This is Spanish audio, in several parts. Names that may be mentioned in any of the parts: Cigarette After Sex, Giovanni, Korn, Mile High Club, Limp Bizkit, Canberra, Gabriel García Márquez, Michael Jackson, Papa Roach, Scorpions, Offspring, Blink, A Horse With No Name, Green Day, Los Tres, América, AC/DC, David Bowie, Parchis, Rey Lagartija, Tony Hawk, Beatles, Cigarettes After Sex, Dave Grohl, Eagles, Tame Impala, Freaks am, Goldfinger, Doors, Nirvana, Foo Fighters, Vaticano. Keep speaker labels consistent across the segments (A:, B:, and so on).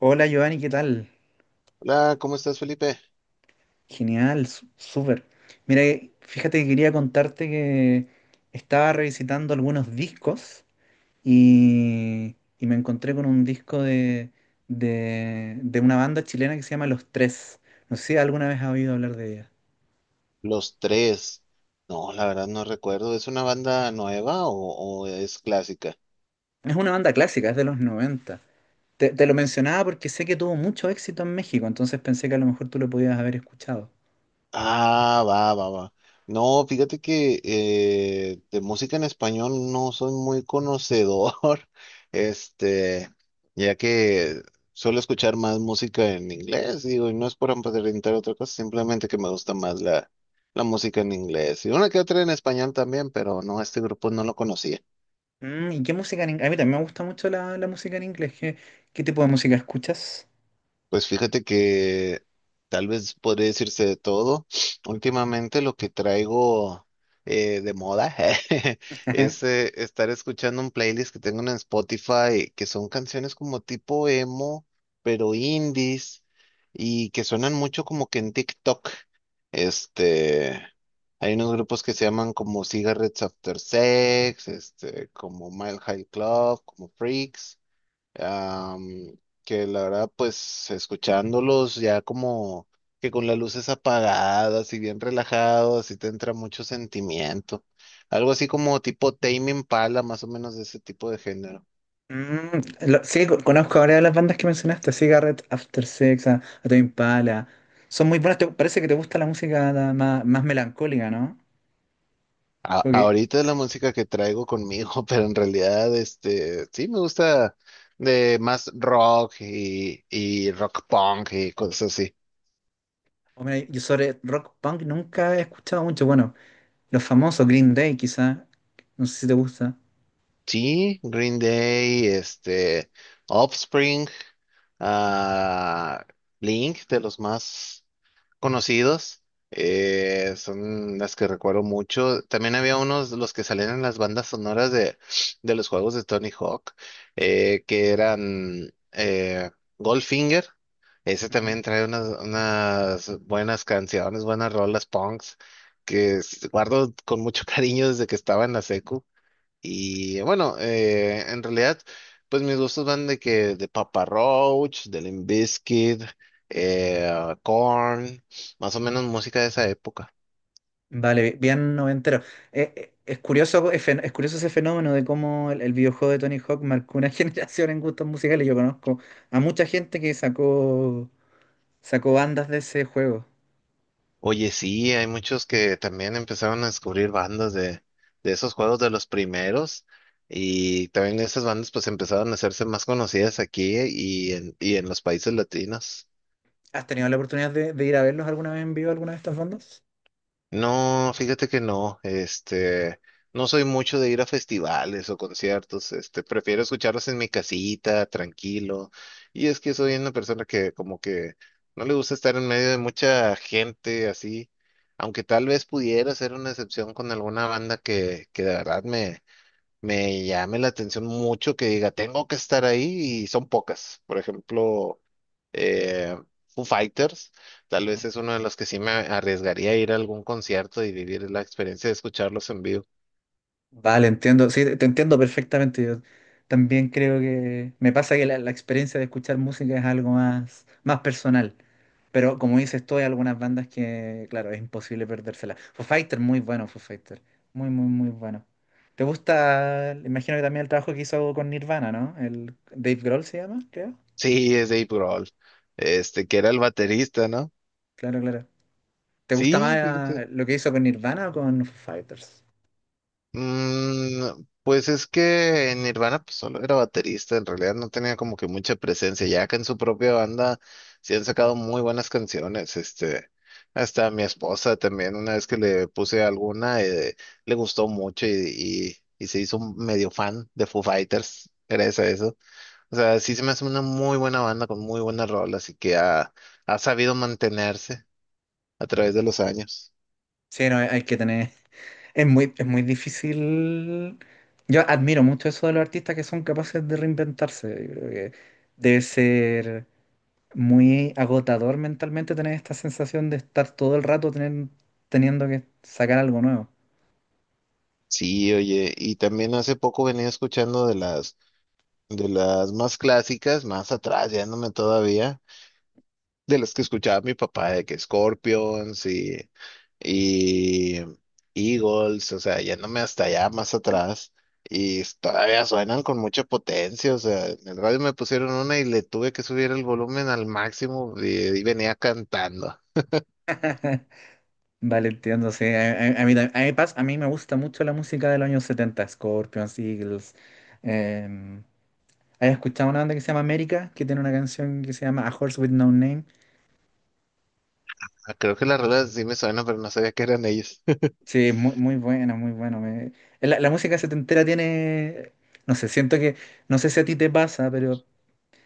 A: Hola Giovanni, ¿qué tal?
B: Hola, ¿cómo estás, Felipe?
A: Genial, súper. Mira, fíjate que quería contarte que estaba revisitando algunos discos y me encontré con un disco de una banda chilena que se llama Los Tres. No sé si alguna vez has oído hablar de ella.
B: Los tres. No, la verdad no recuerdo. ¿Es una banda nueva o es clásica?
A: Es una banda clásica, es de los noventa. Te lo mencionaba porque sé que tuvo mucho éxito en México, entonces pensé que a lo mejor tú lo podías haber escuchado.
B: Ah, va, va, va. No, fíjate que de música en español no soy muy conocedor. este, ya que suelo escuchar más música en inglés, digo, y no es por aparentar otra cosa, simplemente que me gusta más la música en inglés. Y una que otra en español también, pero no, este grupo no lo conocía.
A: Mm, ¿y qué música en inglés? A mí también me gusta mucho la música en inglés. ¿Qué tipo de música escuchas?
B: Pues fíjate que tal vez podría decirse de todo. Últimamente lo que traigo de moda es estar escuchando un playlist que tengo en Spotify, que son canciones como tipo emo, pero indies, y que suenan mucho como que en TikTok. Este, Hay unos grupos que se llaman como Cigarettes After Sex, este, como Mile High Club, como Freaks am, que la verdad, pues escuchándolos ya como que con las luces apagadas y bien relajados, y te entra mucho sentimiento. Algo así como tipo Tame Impala, más o menos de ese tipo de género.
A: Mm, sí, conozco varias de las bandas que mencionaste, Cigarette, After Sex, Tame Impala. Son muy buenas, parece que te gusta la música más, más melancólica, ¿no? Como que,
B: Ahorita es la música que traigo conmigo, pero en realidad, este, sí me gusta de más rock y rock punk y cosas así.
A: hombre, yo sobre rock punk nunca he escuchado mucho. Bueno, los famosos Green Day quizá, no sé si te gusta.
B: Sí, Green Day, este, Offspring, ah, Blink, de los más conocidos, son las que recuerdo mucho. También había unos, los que salían en las bandas sonoras de los juegos de Tony Hawk, que eran Goldfinger. Ese
A: Ujú.
B: también trae unas, unas buenas canciones, buenas rolas punks, que guardo con mucho cariño desde que estaba en la secu. Y bueno, en realidad, pues mis gustos van de que de Papa Roach, de Limp Bizkit, Korn, más o menos música de esa época.
A: Vale, bien noventero. Es curioso, es, es curioso ese fenómeno de cómo el videojuego de Tony Hawk marcó una generación en gustos musicales. Yo conozco a mucha gente que sacó bandas de ese juego.
B: Oye, sí, hay muchos que también empezaron a descubrir bandas de esos juegos de los primeros. Y también esas bandas pues empezaron a hacerse más conocidas aquí y en los países latinos.
A: ¿Has tenido la oportunidad de ir a verlos alguna vez en vivo, alguna de estas bandas?
B: No, fíjate que no, este, no soy mucho de ir a festivales o conciertos, este, prefiero escucharlos en mi casita, tranquilo. Y es que soy una persona que como que no le gusta estar en medio de mucha gente así, aunque tal vez pudiera ser una excepción con alguna banda que de verdad me llame la atención mucho, que diga, tengo que estar ahí y son pocas. Por ejemplo, eh, Foo Fighters, tal vez
A: Mm.
B: es uno de los que sí me arriesgaría a ir a algún concierto y vivir la experiencia de escucharlos en vivo.
A: Vale, entiendo, sí, te entiendo perfectamente. Yo también creo que me pasa que la experiencia de escuchar música es algo más, más personal. Pero como dices tú, hay algunas bandas que, claro, es imposible perdérselas. Foo Fighter, muy bueno, Foo Fighter. Muy, muy, muy bueno. ¿Te gusta? Imagino que también el trabajo que hizo con Nirvana, ¿no? El Dave Grohl se llama, creo.
B: Sí, es Dave Grohl, este, que era el baterista, ¿no?
A: Claro, claro. ¿Te gusta
B: Sí,
A: más
B: fíjate.
A: lo que hizo con Nirvana o con Foo Fighters?
B: Mm, pues es que en Nirvana pues solo era baterista, en realidad no tenía como que mucha presencia, ya que en su propia banda sí han sacado muy buenas canciones, este, hasta mi esposa también, una vez que le puse alguna, le gustó mucho y se hizo un medio fan de Foo Fighters, gracias a eso. O sea, sí se me hace una muy buena banda con muy buenas rolas y que ha sabido mantenerse a través de los años.
A: Sí, no, hay que tener. Es muy difícil. Yo admiro mucho eso de los artistas que son capaces de reinventarse. Yo creo que debe ser muy agotador mentalmente tener esta sensación de estar todo el rato teniendo que sacar algo nuevo.
B: Sí, oye, y también hace poco venía escuchando de las. De las más clásicas, más atrás, yéndome todavía, de las que escuchaba mi papá, de que Scorpions y Eagles, o sea, yéndome hasta allá, más atrás, y todavía suenan con mucha potencia. O sea, en el radio me pusieron una y le tuve que subir el volumen al máximo y venía cantando.
A: Vale, entiendo, sí. A mí, a mí a mí me gusta mucho la música de los años 70, Scorpions, Eagles. Eh, ¿Has escuchado una banda que se llama América? Que tiene una canción que se llama A Horse With No Name.
B: Ah, creo que las rolas sí me suenan, pero no sabía que eran ellos.
A: Sí, es muy, muy buena, muy buena. La música setentera tiene, no sé, siento que, no sé si a ti te pasa, pero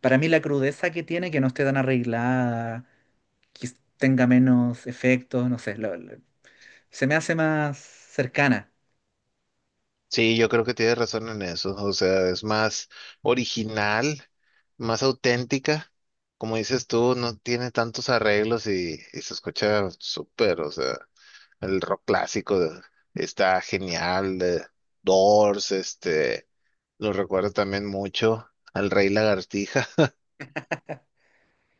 A: para mí la crudeza que tiene, que no esté tan arreglada, que tenga menos efectos, no sé, se me hace más cercana.
B: Sí, yo creo que tienes razón en eso. O sea, es más original, más auténtica. Como dices tú, no tiene tantos arreglos y se escucha súper. O sea, el rock clásico está genial. De Doors, este, lo recuerdo también mucho al Rey Lagartija.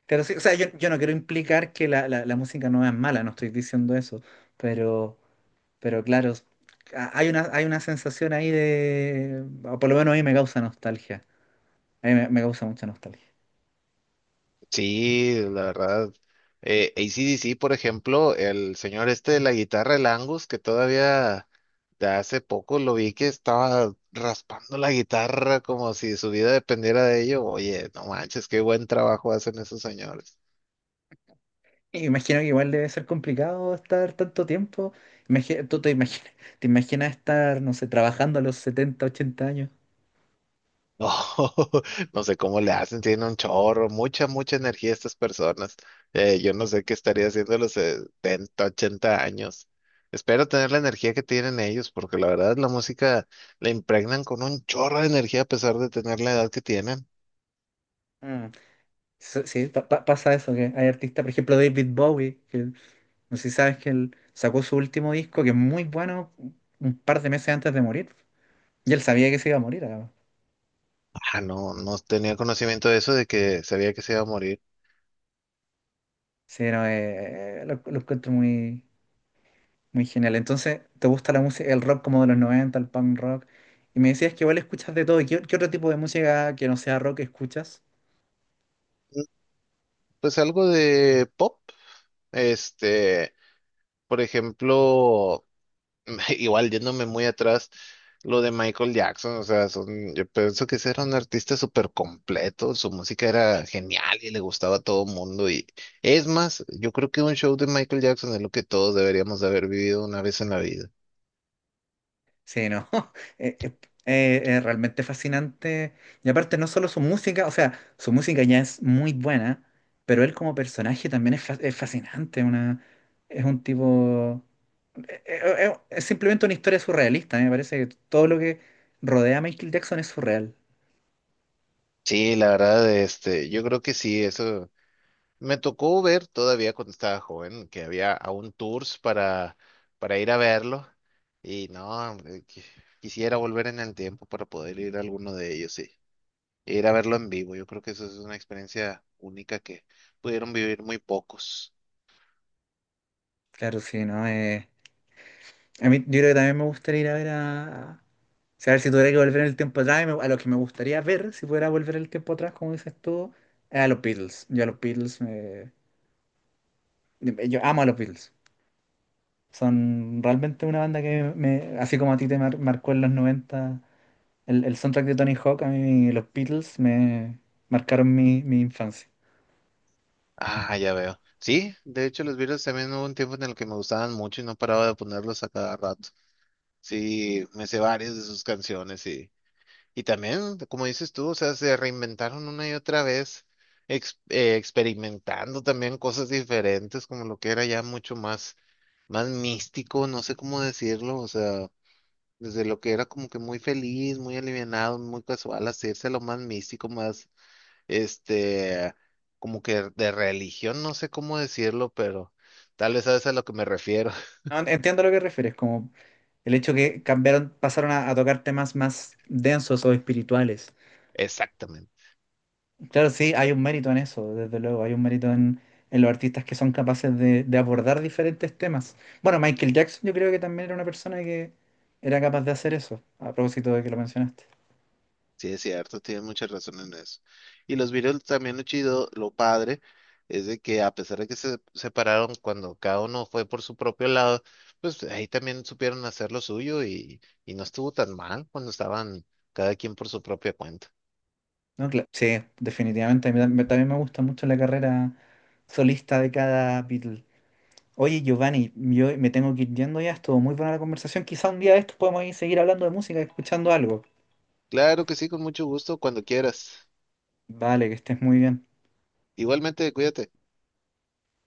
A: Pero sí, o sea, yo no quiero implicar que la música no es mala, no estoy diciendo eso, pero, pero claro, hay una sensación ahí de, o por lo menos a mí me causa nostalgia, a mí me causa mucha nostalgia.
B: Sí, la verdad. AC/DC, por ejemplo, el señor este de la guitarra, el Angus, que todavía de hace poco lo vi que estaba raspando la guitarra como si su vida dependiera de ello. Oye, no manches, qué buen trabajo hacen esos señores.
A: Y imagino que igual debe ser complicado estar tanto tiempo. Tú te imaginas estar, no sé, trabajando a los 70 80 años.
B: No, no sé cómo le hacen, tienen un chorro, mucha, mucha energía estas personas. Yo no sé qué estaría haciendo a los 70, 80 años. Espero tener la energía que tienen ellos, porque la verdad la música la impregnan con un chorro de energía a pesar de tener la edad que tienen.
A: Mm. Sí, sí, pasa eso, que hay artistas, por ejemplo David Bowie, que no sé si sabes que él sacó su último disco, que es muy bueno, un par de meses antes de morir. Y él sabía que se iba a morir, además.
B: Ah, no, no tenía conocimiento de eso, de que sabía que se iba a morir.
A: Sí, no, lo encuentro muy, muy genial. Entonces, ¿te gusta la música, el rock como de los 90 el punk rock? Y me decías que igual escuchas de todo. ¿Qué, qué otro tipo de música que no sea rock escuchas?
B: Mm, pues algo de pop, este, por ejemplo. Igual yéndome muy atrás, lo de Michael Jackson, o sea, son, yo pienso que ese era un artista súper completo, su música era genial y le gustaba a todo mundo y es más, yo creo que un show de Michael Jackson es lo que todos deberíamos de haber vivido una vez en la vida.
A: Sí, no. eh, eh, es realmente fascinante. Y aparte, no solo su música, o sea, su música ya es muy buena, pero él como personaje también es, es fascinante. Una, es un tipo. eh, es simplemente una historia surrealista. Me parece que todo lo que rodea a Michael Jackson es surreal.
B: Sí, la verdad, este, yo creo que sí, eso. Me tocó ver todavía cuando estaba joven que había aún tours para ir a verlo y no, hombre, quisiera volver en el tiempo para poder ir a alguno de ellos sí e ir a verlo en vivo. Yo creo que eso es una experiencia única que pudieron vivir muy pocos.
A: Claro, sí, ¿no? A mí, yo creo que también me gustaría ir a ver a. O sea, a ver si tuviera que volver en el tiempo atrás, a los que me gustaría ver, si pudiera volver el tiempo atrás, como dices tú, es a los Beatles. Yo a los Beatles, yo amo a los Beatles. Son realmente una banda que me, así como a ti te marcó en los 90 el soundtrack de Tony Hawk, a mí los Beatles me marcaron mi infancia.
B: Ah, ya veo. Sí, de hecho los Beatles también hubo un tiempo en el que me gustaban mucho y no paraba de ponerlos a cada rato. Sí, me sé varias de sus canciones. Y también, como dices tú, o sea, se reinventaron una y otra vez, experimentando también cosas diferentes, como lo que era ya mucho más, más místico, no sé cómo decirlo, o sea, desde lo que era como que muy feliz, muy alivianado, muy casual, hacerse a lo más místico, más, este, como que de religión, no sé cómo decirlo, pero tal vez sabes a lo que me refiero.
A: No, entiendo a lo que refieres, como el hecho que cambiaron, pasaron a tocar temas más densos o espirituales.
B: Exactamente.
A: Claro, sí, hay un mérito en eso, desde luego. Hay un mérito en los artistas que son capaces de abordar diferentes temas. Bueno, Michael Jackson yo creo que también era una persona que era capaz de hacer eso, a propósito de que lo mencionaste.
B: Sí, es cierto, tienes mucha razón en eso. Y los Beatles también lo chido, lo padre, es de que a pesar de que se separaron cuando cada uno fue por su propio lado, pues ahí también supieron hacer lo suyo y no estuvo tan mal cuando estaban cada quien por su propia cuenta.
A: No, sí, definitivamente. A mí también me gusta mucho la carrera solista de cada Beatle. Oye, Giovanni, yo me tengo que ir yendo ya. Estuvo muy buena la conversación. Quizá un día de estos podemos ir seguir hablando de música, escuchando algo.
B: Claro que sí, con mucho gusto, cuando quieras.
A: Vale, que estés muy bien.
B: Igualmente, cuídate.